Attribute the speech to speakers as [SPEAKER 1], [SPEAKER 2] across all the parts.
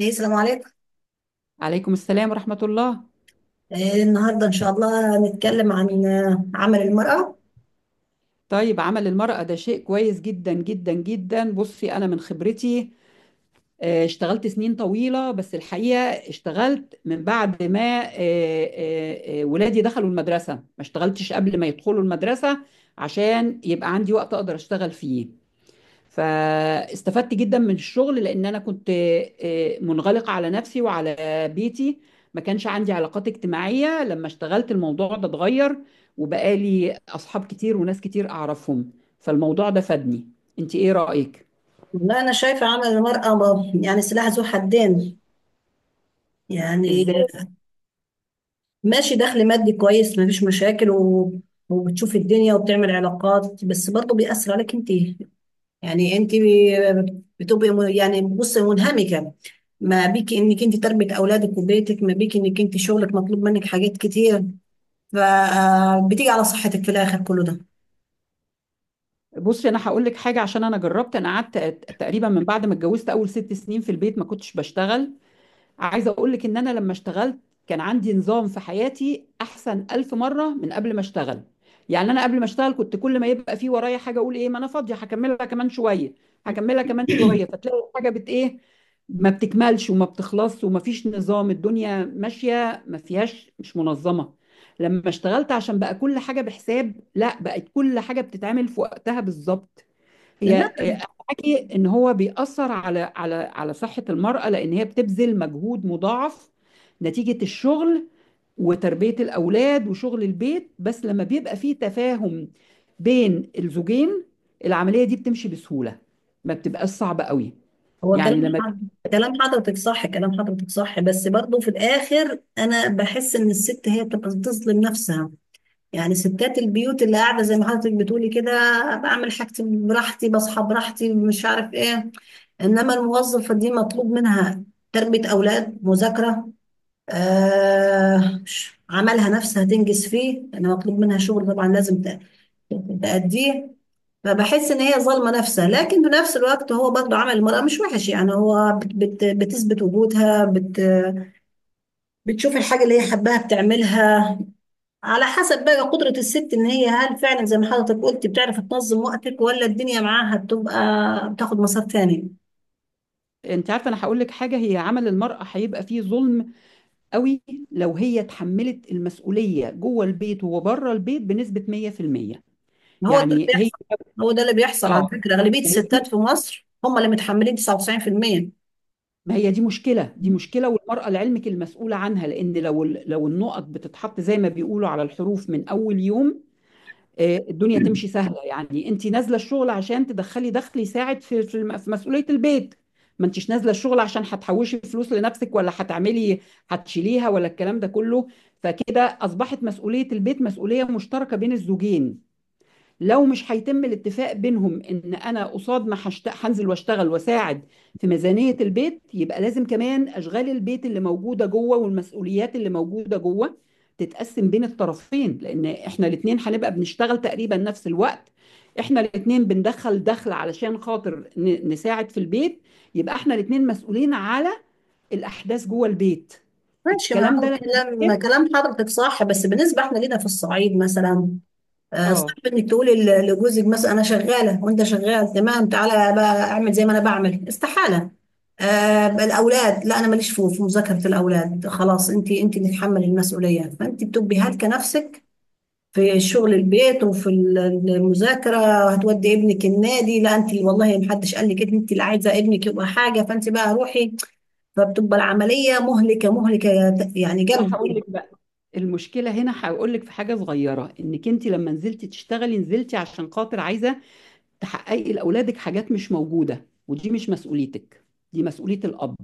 [SPEAKER 1] ايه السلام عليكم.
[SPEAKER 2] عليكم السلام ورحمة الله.
[SPEAKER 1] إيه النهارده ان شاء الله هنتكلم عن عمل المرأة.
[SPEAKER 2] طيب، عمل المرأة ده شيء كويس جدا جدا جدا. بصي، أنا من خبرتي اشتغلت سنين طويلة، بس الحقيقة اشتغلت من بعد ما ولادي دخلوا المدرسة، ما اشتغلتش قبل ما يدخلوا المدرسة، عشان يبقى عندي وقت أقدر أشتغل فيه. فاستفدت جدا من الشغل، لان انا كنت منغلقه على نفسي وعلى بيتي، ما كانش عندي علاقات اجتماعيه. لما اشتغلت الموضوع ده اتغير، وبقالي اصحاب كتير وناس كتير اعرفهم، فالموضوع ده فادني. انت ايه رايك؟
[SPEAKER 1] والله انا شايفة عمل المرأة يعني سلاح ذو حدين. يعني
[SPEAKER 2] ازاي؟
[SPEAKER 1] ماشي، دخل مادي كويس، مفيش مشاكل وبتشوف الدنيا وبتعمل علاقات، بس برضه بيأثر عليك انت. يعني انت بتبقي يعني بصي منهمكة ما بيك انك انت تربية اولادك وبيتك، ما بيك انك انت شغلك مطلوب منك حاجات كتير، فبتيجي على صحتك في الاخر كله.
[SPEAKER 2] بصي، انا هقول لك حاجه، عشان انا جربت. انا قعدت تقريبا من بعد ما اتجوزت اول 6 سنين في البيت ما كنتش بشتغل. عايزة اقول لك ان انا لما اشتغلت كان عندي نظام في حياتي احسن الف مرة من قبل ما اشتغل. يعني انا قبل ما اشتغل كنت كل ما يبقى في ورايا حاجة اقول ايه، ما انا فاضية، هكملها كمان شوية، فتلاقي الحاجة ايه، ما بتكملش وما بتخلصش وما فيش نظام، الدنيا ماشية ما فيهاش، مش منظمة. لما اشتغلت عشان بقى كل حاجة بحساب، لا، بقت كل حاجة بتتعمل في وقتها بالظبط. هي
[SPEAKER 1] ده
[SPEAKER 2] حكي ان هو بيأثر على صحة المرأة، لان هي بتبذل مجهود مضاعف نتيجة الشغل وتربية الاولاد وشغل البيت، بس لما بيبقى فيه تفاهم بين الزوجين العملية دي بتمشي بسهولة، ما بتبقاش صعبة قوي.
[SPEAKER 1] هو
[SPEAKER 2] يعني
[SPEAKER 1] كلام حضرتك، صح، كلام حضرتك صح، بس برضه في الآخر أنا بحس إن الست هي بتبقى بتظلم نفسها. يعني ستات البيوت اللي قاعدة زي ما حضرتك بتقولي كده بعمل حاجتي براحتي، بصحى براحتي، مش عارف إيه. إنما الموظفة دي مطلوب منها تربية أولاد، مذاكرة، آه، عملها نفسها تنجز فيه، أنا مطلوب منها شغل، طبعا لازم تأديه. أنا بحس ان هي ظالمه نفسها، لكن في نفس الوقت هو برضه عمل المراه مش وحش. يعني هو بت بتثبت وجودها، بتشوف الحاجه اللي هي حباها بتعملها. على حسب بقى قدره الست، ان هي هل فعلا زي ما حضرتك قلت بتعرف تنظم وقتك، ولا الدنيا معاها بتبقى بتاخد مسار تاني.
[SPEAKER 2] انت عارفة، انا هقول لك حاجة، هي عمل المرأة هيبقى فيه ظلم قوي لو هي اتحملت المسؤولية جوه البيت وبره البيت بنسبة 100%.
[SPEAKER 1] هو ده اللي
[SPEAKER 2] يعني هي،
[SPEAKER 1] بيحصل. هو ده اللي بيحصل، على
[SPEAKER 2] اه
[SPEAKER 1] فكره اغلبيه الستات في مصر هم اللي متحملين 99%.
[SPEAKER 2] ما هي دي مشكلة، والمرأة لعلمك المسؤولة عنها، لأن لو النقط بتتحط زي ما بيقولوا على الحروف من أول يوم الدنيا تمشي سهلة. يعني أنت نازلة الشغل عشان تدخلي دخل يساعد في مسؤولية البيت، ما أنتش نازلة الشغل عشان هتحوشي فلوس لنفسك، ولا هتعملي هتشيليها، ولا الكلام ده كله. فكده أصبحت مسؤولية البيت مسؤولية مشتركة بين الزوجين. لو مش هيتم الاتفاق بينهم ان انا قصاد ما هنزل واشتغل واساعد في ميزانية البيت، يبقى لازم كمان اشغال البيت اللي موجودة جوه والمسؤوليات اللي موجودة جوه تتقسم بين الطرفين، لان احنا الاتنين هنبقى بنشتغل تقريبا نفس الوقت، احنا الاتنين بندخل دخل علشان خاطر نساعد في البيت، يبقى احنا الاتنين مسؤولين على الاحداث جوه البيت.
[SPEAKER 1] ماشي،
[SPEAKER 2] الكلام
[SPEAKER 1] ما
[SPEAKER 2] ده
[SPEAKER 1] هو
[SPEAKER 2] لما بيتم.
[SPEAKER 1] كلام حضرتك صح، بس بالنسبه احنا لينا في الصعيد مثلا
[SPEAKER 2] اه
[SPEAKER 1] صعب انك تقولي لجوزك مثلا انا شغاله وانت شغال، تمام تعالى بقى اعمل زي ما انا بعمل، استحاله. آه الاولاد لا، انا ماليش في مذاكره الاولاد، خلاص انت، اللي تتحملي المسؤوليه، فانت بتبقي هالكه نفسك في شغل البيت، وفي المذاكره، وهتودي ابنك النادي، لا انت والله محدش قال لك، انت اللي عايزه ابنك يبقى حاجه، فانت بقى روحي. فبتبقى العمليه مهلكه مهلكه، يعني
[SPEAKER 2] انا
[SPEAKER 1] جامد
[SPEAKER 2] هقول
[SPEAKER 1] كتير.
[SPEAKER 2] لك بقى المشكله هنا، هقول لك في حاجه صغيره، انك انت لما نزلتي تشتغلي نزلتي عشان خاطر عايزه تحققي لاولادك حاجات مش موجوده، ودي مش مسؤوليتك، دي مسؤوليه الاب،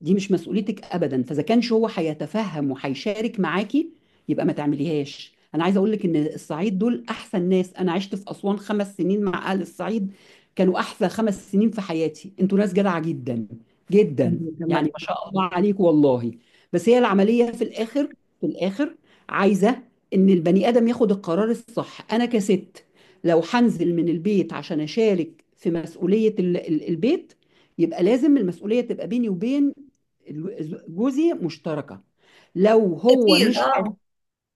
[SPEAKER 2] دي مش مسؤوليتك ابدا. فاذا كانش هو هيتفهم وهيشارك معاكي، يبقى ما تعمليهاش. انا عايزه اقول لك ان الصعيد دول احسن ناس، انا عشت في اسوان 5 سنين مع اهل الصعيد، كانوا احسن 5 سنين في حياتي، انتوا ناس جدعه جدا جدا.
[SPEAKER 1] الله
[SPEAKER 2] يعني
[SPEAKER 1] يرحمه.
[SPEAKER 2] ما شاء الله عليك، والله. بس هي العمليه في الاخر، في الاخر عايزه ان البني ادم ياخد القرار الصح. انا كست، لو هنزل من البيت عشان اشارك في مسؤوليه البيت، يبقى لازم المسؤوليه تبقى بيني وبين جوزي مشتركه. لو هو
[SPEAKER 1] كتير،
[SPEAKER 2] مش حي...
[SPEAKER 1] اه،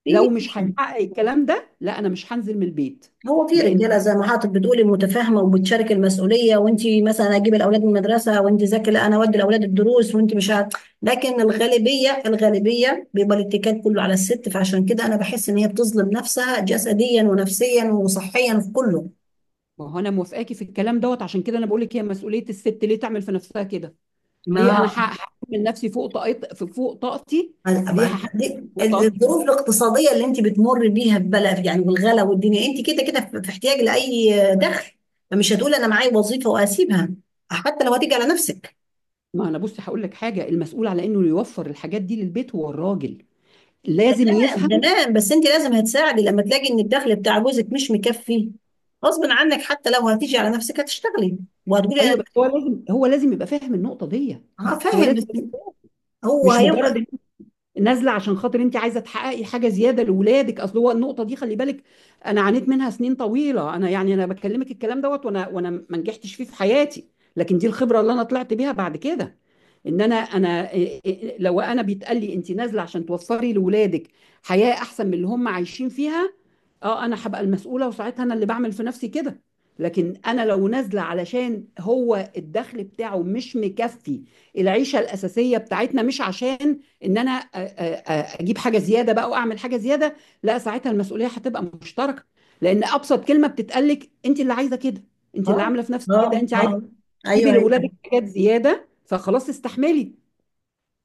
[SPEAKER 1] في.
[SPEAKER 2] لو مش هيحقق الكلام ده، لا، انا مش هنزل من البيت،
[SPEAKER 1] هو في
[SPEAKER 2] لان.
[SPEAKER 1] رجاله زي ما حضرتك بتقولي متفاهمه وبتشارك المسؤوليه، وانت مثلا اجيب الاولاد من المدرسه وانت ذاكري، لا انا اودي الاولاد الدروس وانت مش عارف. لكن الغالبيه، الغالبيه، بيبقى الاتكال كله على الست، فعشان كده انا بحس ان هي بتظلم نفسها جسديا ونفسيا وصحيا في كله.
[SPEAKER 2] ما هو انا موافقاكي في الكلام دوت، عشان كده انا بقول لك هي مسؤوليه الست، ليه تعمل في نفسها كده؟ ليه انا
[SPEAKER 1] ما
[SPEAKER 2] هحكم من نفسي فوق طاقتي؟ ليه هحكم فوق طاقتي؟
[SPEAKER 1] الظروف الاقتصاديه اللي انت بتمر بيها في بلد يعني، والغلا والدنيا، انت كده كده في احتياج لاي دخل، فمش هتقول انا معايا وظيفه واسيبها، حتى لو هتيجي على نفسك.
[SPEAKER 2] ما انا بصي هقول لك حاجه، المسؤول على انه يوفر الحاجات دي للبيت هو الراجل، لازم
[SPEAKER 1] تمام،
[SPEAKER 2] يفهم.
[SPEAKER 1] تمام، بس انت لازم هتساعدي لما تلاقي ان الدخل بتاع جوزك مش مكفي، غصب عنك حتى لو هتيجي على نفسك هتشتغلي وهتقولي.
[SPEAKER 2] ايوه، بس هو لازم، يبقى فاهم النقطه دي.
[SPEAKER 1] انا اه
[SPEAKER 2] هو
[SPEAKER 1] فاهم بس
[SPEAKER 2] لازم يبقى-
[SPEAKER 1] هو
[SPEAKER 2] مش
[SPEAKER 1] هيبقى.
[SPEAKER 2] مجرد نازله عشان خاطر انت عايزه تحققي حاجه زياده لاولادك. اصل هو النقطه دي خلي بالك، انا عانيت منها سنين طويله. انا يعني انا بكلمك الكلام دوت وانا ما نجحتش فيه في حياتي، لكن دي الخبره اللي انا طلعت بيها بعد كده. ان انا، إيه إيه إيه، لو انا بيتقال لي انت نازله عشان توفري لاولادك حياه احسن من اللي هم عايشين فيها، اه، انا هبقى المسؤوله، وساعتها انا اللي بعمل في نفسي كده. لكن انا لو نازله علشان هو الدخل بتاعه مش مكفي العيشه الاساسيه بتاعتنا، مش عشان ان انا اجيب حاجه زياده بقى واعمل حاجه زياده، لا، ساعتها المسؤوليه هتبقى مشتركه، لان ابسط كلمه بتتقالك انت اللي عايزه كده، انت اللي
[SPEAKER 1] اه،
[SPEAKER 2] عامله في نفسك كده،
[SPEAKER 1] اه،
[SPEAKER 2] انت عايزه
[SPEAKER 1] اه،
[SPEAKER 2] تجيبي
[SPEAKER 1] ايوه، أيوه.
[SPEAKER 2] لاولادك حاجات زياده، فخلاص استحملي.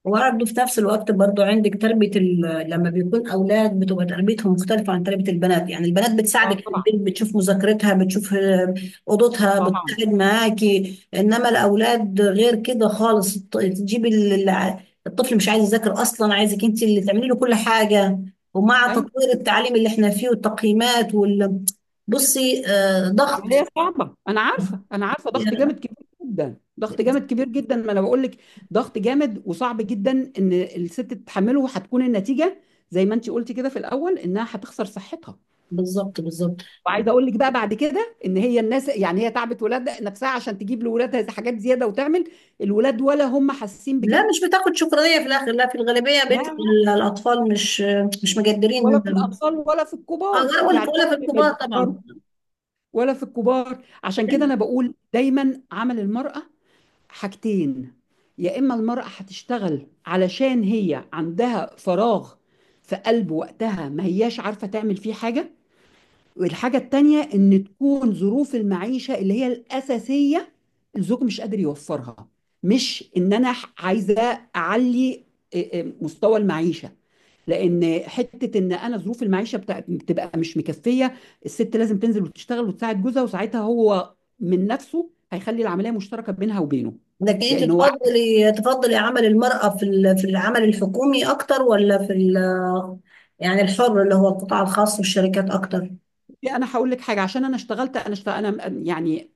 [SPEAKER 1] وبرضه في نفس الوقت برضه عندك تربية لما بيكون أولاد بتبقى تربيتهم مختلفة عن تربية البنات. يعني البنات
[SPEAKER 2] اه،
[SPEAKER 1] بتساعدك في
[SPEAKER 2] طبعا،
[SPEAKER 1] البيت، بتشوف مذاكرتها، بتشوف أوضتها،
[SPEAKER 2] طبعا،
[SPEAKER 1] بتقعد معاكي. إنما الأولاد غير كده خالص، تجيب الطفل مش عايز يذاكر أصلا، عايزك أنت اللي تعملي له كل حاجة. ومع
[SPEAKER 2] ايوه.
[SPEAKER 1] تطوير التعليم اللي احنا فيه والتقييمات وال، بصي ضغط.
[SPEAKER 2] عمليه صعبه، انا عارفه، انا عارفه، ضغط جامد كبير جدا، ضغط جامد كبير جدا، ما انا بقول لك. ضغط جامد وصعب جدا ان الست تتحمله، وهتكون النتيجه زي ما انت قلتي كده في الاول انها هتخسر صحتها.
[SPEAKER 1] بالظبط بالظبط.
[SPEAKER 2] وعايزه اقول لك بقى بعد كده ان هي الناس، يعني هي تعبت ولاد نفسها عشان تجيب لولادها حاجات زياده، وتعمل. الولاد ولا هم حاسين
[SPEAKER 1] لا
[SPEAKER 2] بكده.
[SPEAKER 1] مش بتاخد شكرانية في الآخر، لا في الغالبية
[SPEAKER 2] لا،
[SPEAKER 1] بيت
[SPEAKER 2] لا،
[SPEAKER 1] الأطفال مش، مش
[SPEAKER 2] ولا
[SPEAKER 1] مجدرين.
[SPEAKER 2] في الاطفال ولا في الكبار،
[SPEAKER 1] لا، ولا
[SPEAKER 2] يعني
[SPEAKER 1] ولا في
[SPEAKER 2] حتى لا في
[SPEAKER 1] الكبار طبعا.
[SPEAKER 2] الكبار، عشان كده انا بقول دايما عمل المراه حاجتين: يا اما المراه هتشتغل علشان هي عندها فراغ في قلب وقتها، ما هياش عارفه تعمل فيه حاجه، والحاجة التانية إن تكون ظروف المعيشة اللي هي الأساسية الزوج مش قادر يوفرها، مش إن أنا عايزة أعلي مستوى المعيشة. لأن حتة إن أنا ظروف المعيشة بتبقى مش مكفية، الست لازم تنزل وتشتغل وتساعد جوزها، وساعتها هو من نفسه هيخلي العملية مشتركة بينها وبينه.
[SPEAKER 1] لكن أنت
[SPEAKER 2] لأن هو
[SPEAKER 1] تفضلي، عمل المرأة في في العمل الحكومي أكتر، ولا في يعني الحر اللي هو القطاع الخاص والشركات أكتر؟
[SPEAKER 2] انا هقول لك حاجه، عشان انا اشتغلت، انا يعني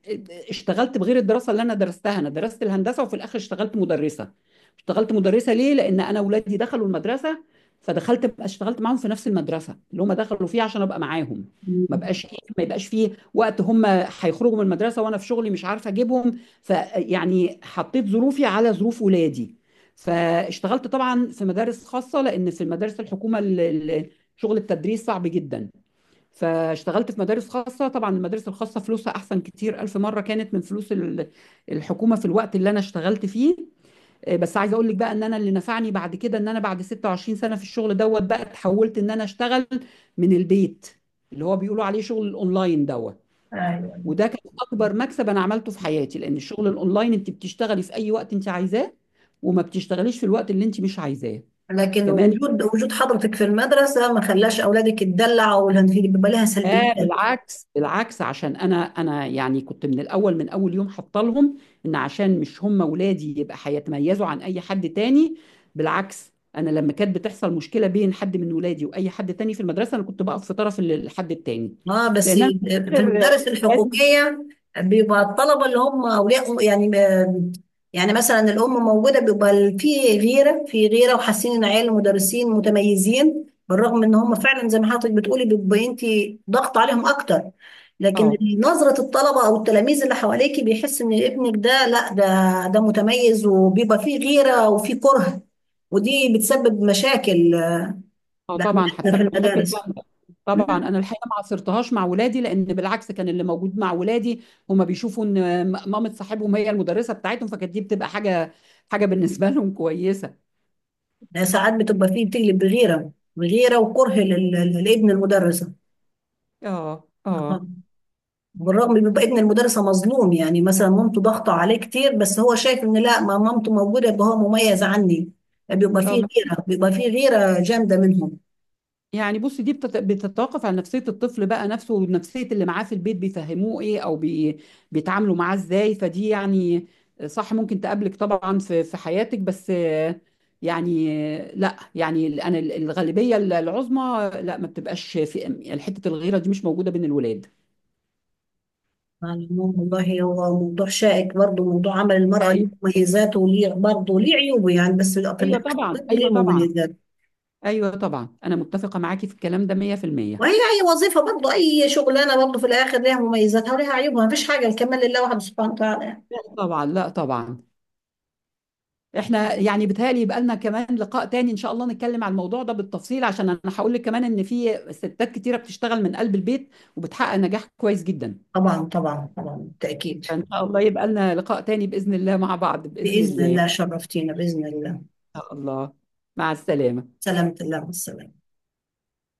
[SPEAKER 2] اشتغلت بغير الدراسه اللي انا درستها، انا درست الهندسه، وفي الاخر اشتغلت مدرسه. اشتغلت مدرسه ليه؟ لان انا اولادي دخلوا المدرسه، فدخلت اشتغلت معاهم في نفس المدرسه اللي هم دخلوا فيها عشان ابقى معاهم. ما
[SPEAKER 1] مم.
[SPEAKER 2] بقاش ما يبقاش فيه وقت، هم هيخرجوا من المدرسه وانا في شغلي مش عارفه اجيبهم، فيعني حطيت ظروفي على ظروف ولادي. فاشتغلت طبعا في مدارس خاصه، لان في المدارس الحكومه شغل التدريس صعب جدا، فاشتغلت في مدارس خاصة. طبعا المدارس الخاصة فلوسها أحسن كتير ألف مرة كانت من فلوس الحكومة في الوقت اللي أنا اشتغلت فيه. بس عايزة أقول لك بقى إن أنا اللي نفعني بعد كده إن أنا بعد 26 سنة في الشغل دوت بقى اتحولت إن أنا أشتغل من البيت، اللي هو بيقولوا عليه شغل الأونلاين دوت.
[SPEAKER 1] ايوه.
[SPEAKER 2] وده كان أكبر مكسب أنا عملته في حياتي، لأن الشغل الأونلاين أنت بتشتغلي في أي وقت أنت عايزاه، وما بتشتغليش في الوقت اللي أنت مش عايزاه،
[SPEAKER 1] لكن
[SPEAKER 2] كمان.
[SPEAKER 1] وجود، حضرتك في المدرسة ما خلاش أولادك تدلع، ولا بيبقى لها
[SPEAKER 2] اه،
[SPEAKER 1] سلبيات؟
[SPEAKER 2] بالعكس، بالعكس، عشان انا، يعني كنت من الاول، من اول يوم حاطه لهم ان عشان مش هم ولادي يبقى هيتميزوا عن اي حد تاني. بالعكس، انا لما كانت بتحصل مشكله بين حد من ولادي واي حد تاني في المدرسه انا كنت بقف في طرف الحد التاني،
[SPEAKER 1] اه بس
[SPEAKER 2] لان انا في
[SPEAKER 1] في
[SPEAKER 2] الاخر،
[SPEAKER 1] المدارس
[SPEAKER 2] ولادي-
[SPEAKER 1] الحقوقيه بيبقى الطلبه اللي هم اولياء يعني يعني مثلا الام موجوده، بيبقى في غيره، وحاسين ان عيال المدرسين متميزين، بالرغم ان هم فعلا زي ما حضرتك بتقولي بيبقى انت ضغط عليهم اكتر. لكن
[SPEAKER 2] اه،
[SPEAKER 1] نظره الطلبه او التلاميذ اللي حواليكي بيحس ان ابنك ده، لا ده، متميز، وبيبقى فيه غيره وفيه كره، ودي بتسبب مشاكل
[SPEAKER 2] اه، طبعا هتسبب
[SPEAKER 1] لأولادنا
[SPEAKER 2] مشاكل
[SPEAKER 1] في
[SPEAKER 2] جامده. طبعا،
[SPEAKER 1] المدارس.
[SPEAKER 2] انا الحقيقه ما عصرتهاش مع ولادي، لان بالعكس، كان اللي موجود مع ولادي هما بيشوفوا ان مامة صاحبهم هي المدرسه بتاعتهم، فكانت دي بتبقى حاجه، بالنسبه لهم كويسه.
[SPEAKER 1] ده ساعات بتبقى فيه، بتقلب بغيرة، وكره لابن المدرسة.
[SPEAKER 2] اه، اه،
[SPEAKER 1] آه. بالرغم بيبقى ابن المدرسة مظلوم، يعني مثلا مامته ضاغطة عليه كتير، بس هو شايف ان لا، ما مامته موجودة يبقى هو مميز عني. بيبقى فيه
[SPEAKER 2] اه،
[SPEAKER 1] غيرة، جامدة منهم.
[SPEAKER 2] يعني بصي، دي بتتوقف على نفسية الطفل بقى نفسه ونفسية اللي معاه في البيت، بيفهموه ايه، او بيتعاملوا معاه ازاي، فدي يعني صح، ممكن تقابلك طبعا في حياتك، بس يعني لا، يعني انا الغالبية العظمى لا ما بتبقاش في حتة الغيرة دي، مش موجودة بين الولاد.
[SPEAKER 1] على العموم والله هو موضوع شائك برضه، موضوع عمل المرأة
[SPEAKER 2] ايوه،
[SPEAKER 1] ليه مميزاته وليه برضه ليه عيوبه، يعني بس في
[SPEAKER 2] ايوه
[SPEAKER 1] الآخر
[SPEAKER 2] طبعا،
[SPEAKER 1] برضه ليه
[SPEAKER 2] ايوه طبعا،
[SPEAKER 1] مميزات.
[SPEAKER 2] ايوه طبعا، انا متفقة معاكي في الكلام ده 100%.
[SPEAKER 1] وهي أي وظيفة برضه، أي شغلانة برضه في الآخر ليها مميزاتها وليها عيوبها، مفيش حاجة، الكمال لله وحده سبحانه وتعالى.
[SPEAKER 2] لا طبعا، لا طبعا. احنا يعني بيتهيألي يبقى لنا كمان لقاء تاني ان شاء الله، نتكلم على الموضوع ده بالتفصيل، عشان انا هقول لك كمان ان في ستات كتيرة بتشتغل من قلب البيت وبتحقق نجاح كويس جدا.
[SPEAKER 1] طبعا طبعا طبعا بالتأكيد.
[SPEAKER 2] فان شاء الله يبقى لنا لقاء تاني بإذن الله مع بعض، بإذن
[SPEAKER 1] بإذن
[SPEAKER 2] الله ان
[SPEAKER 1] الله شرفتينا بإذن الله.
[SPEAKER 2] شاء الله. مع السلامة.
[SPEAKER 1] سلامة الله والسلام.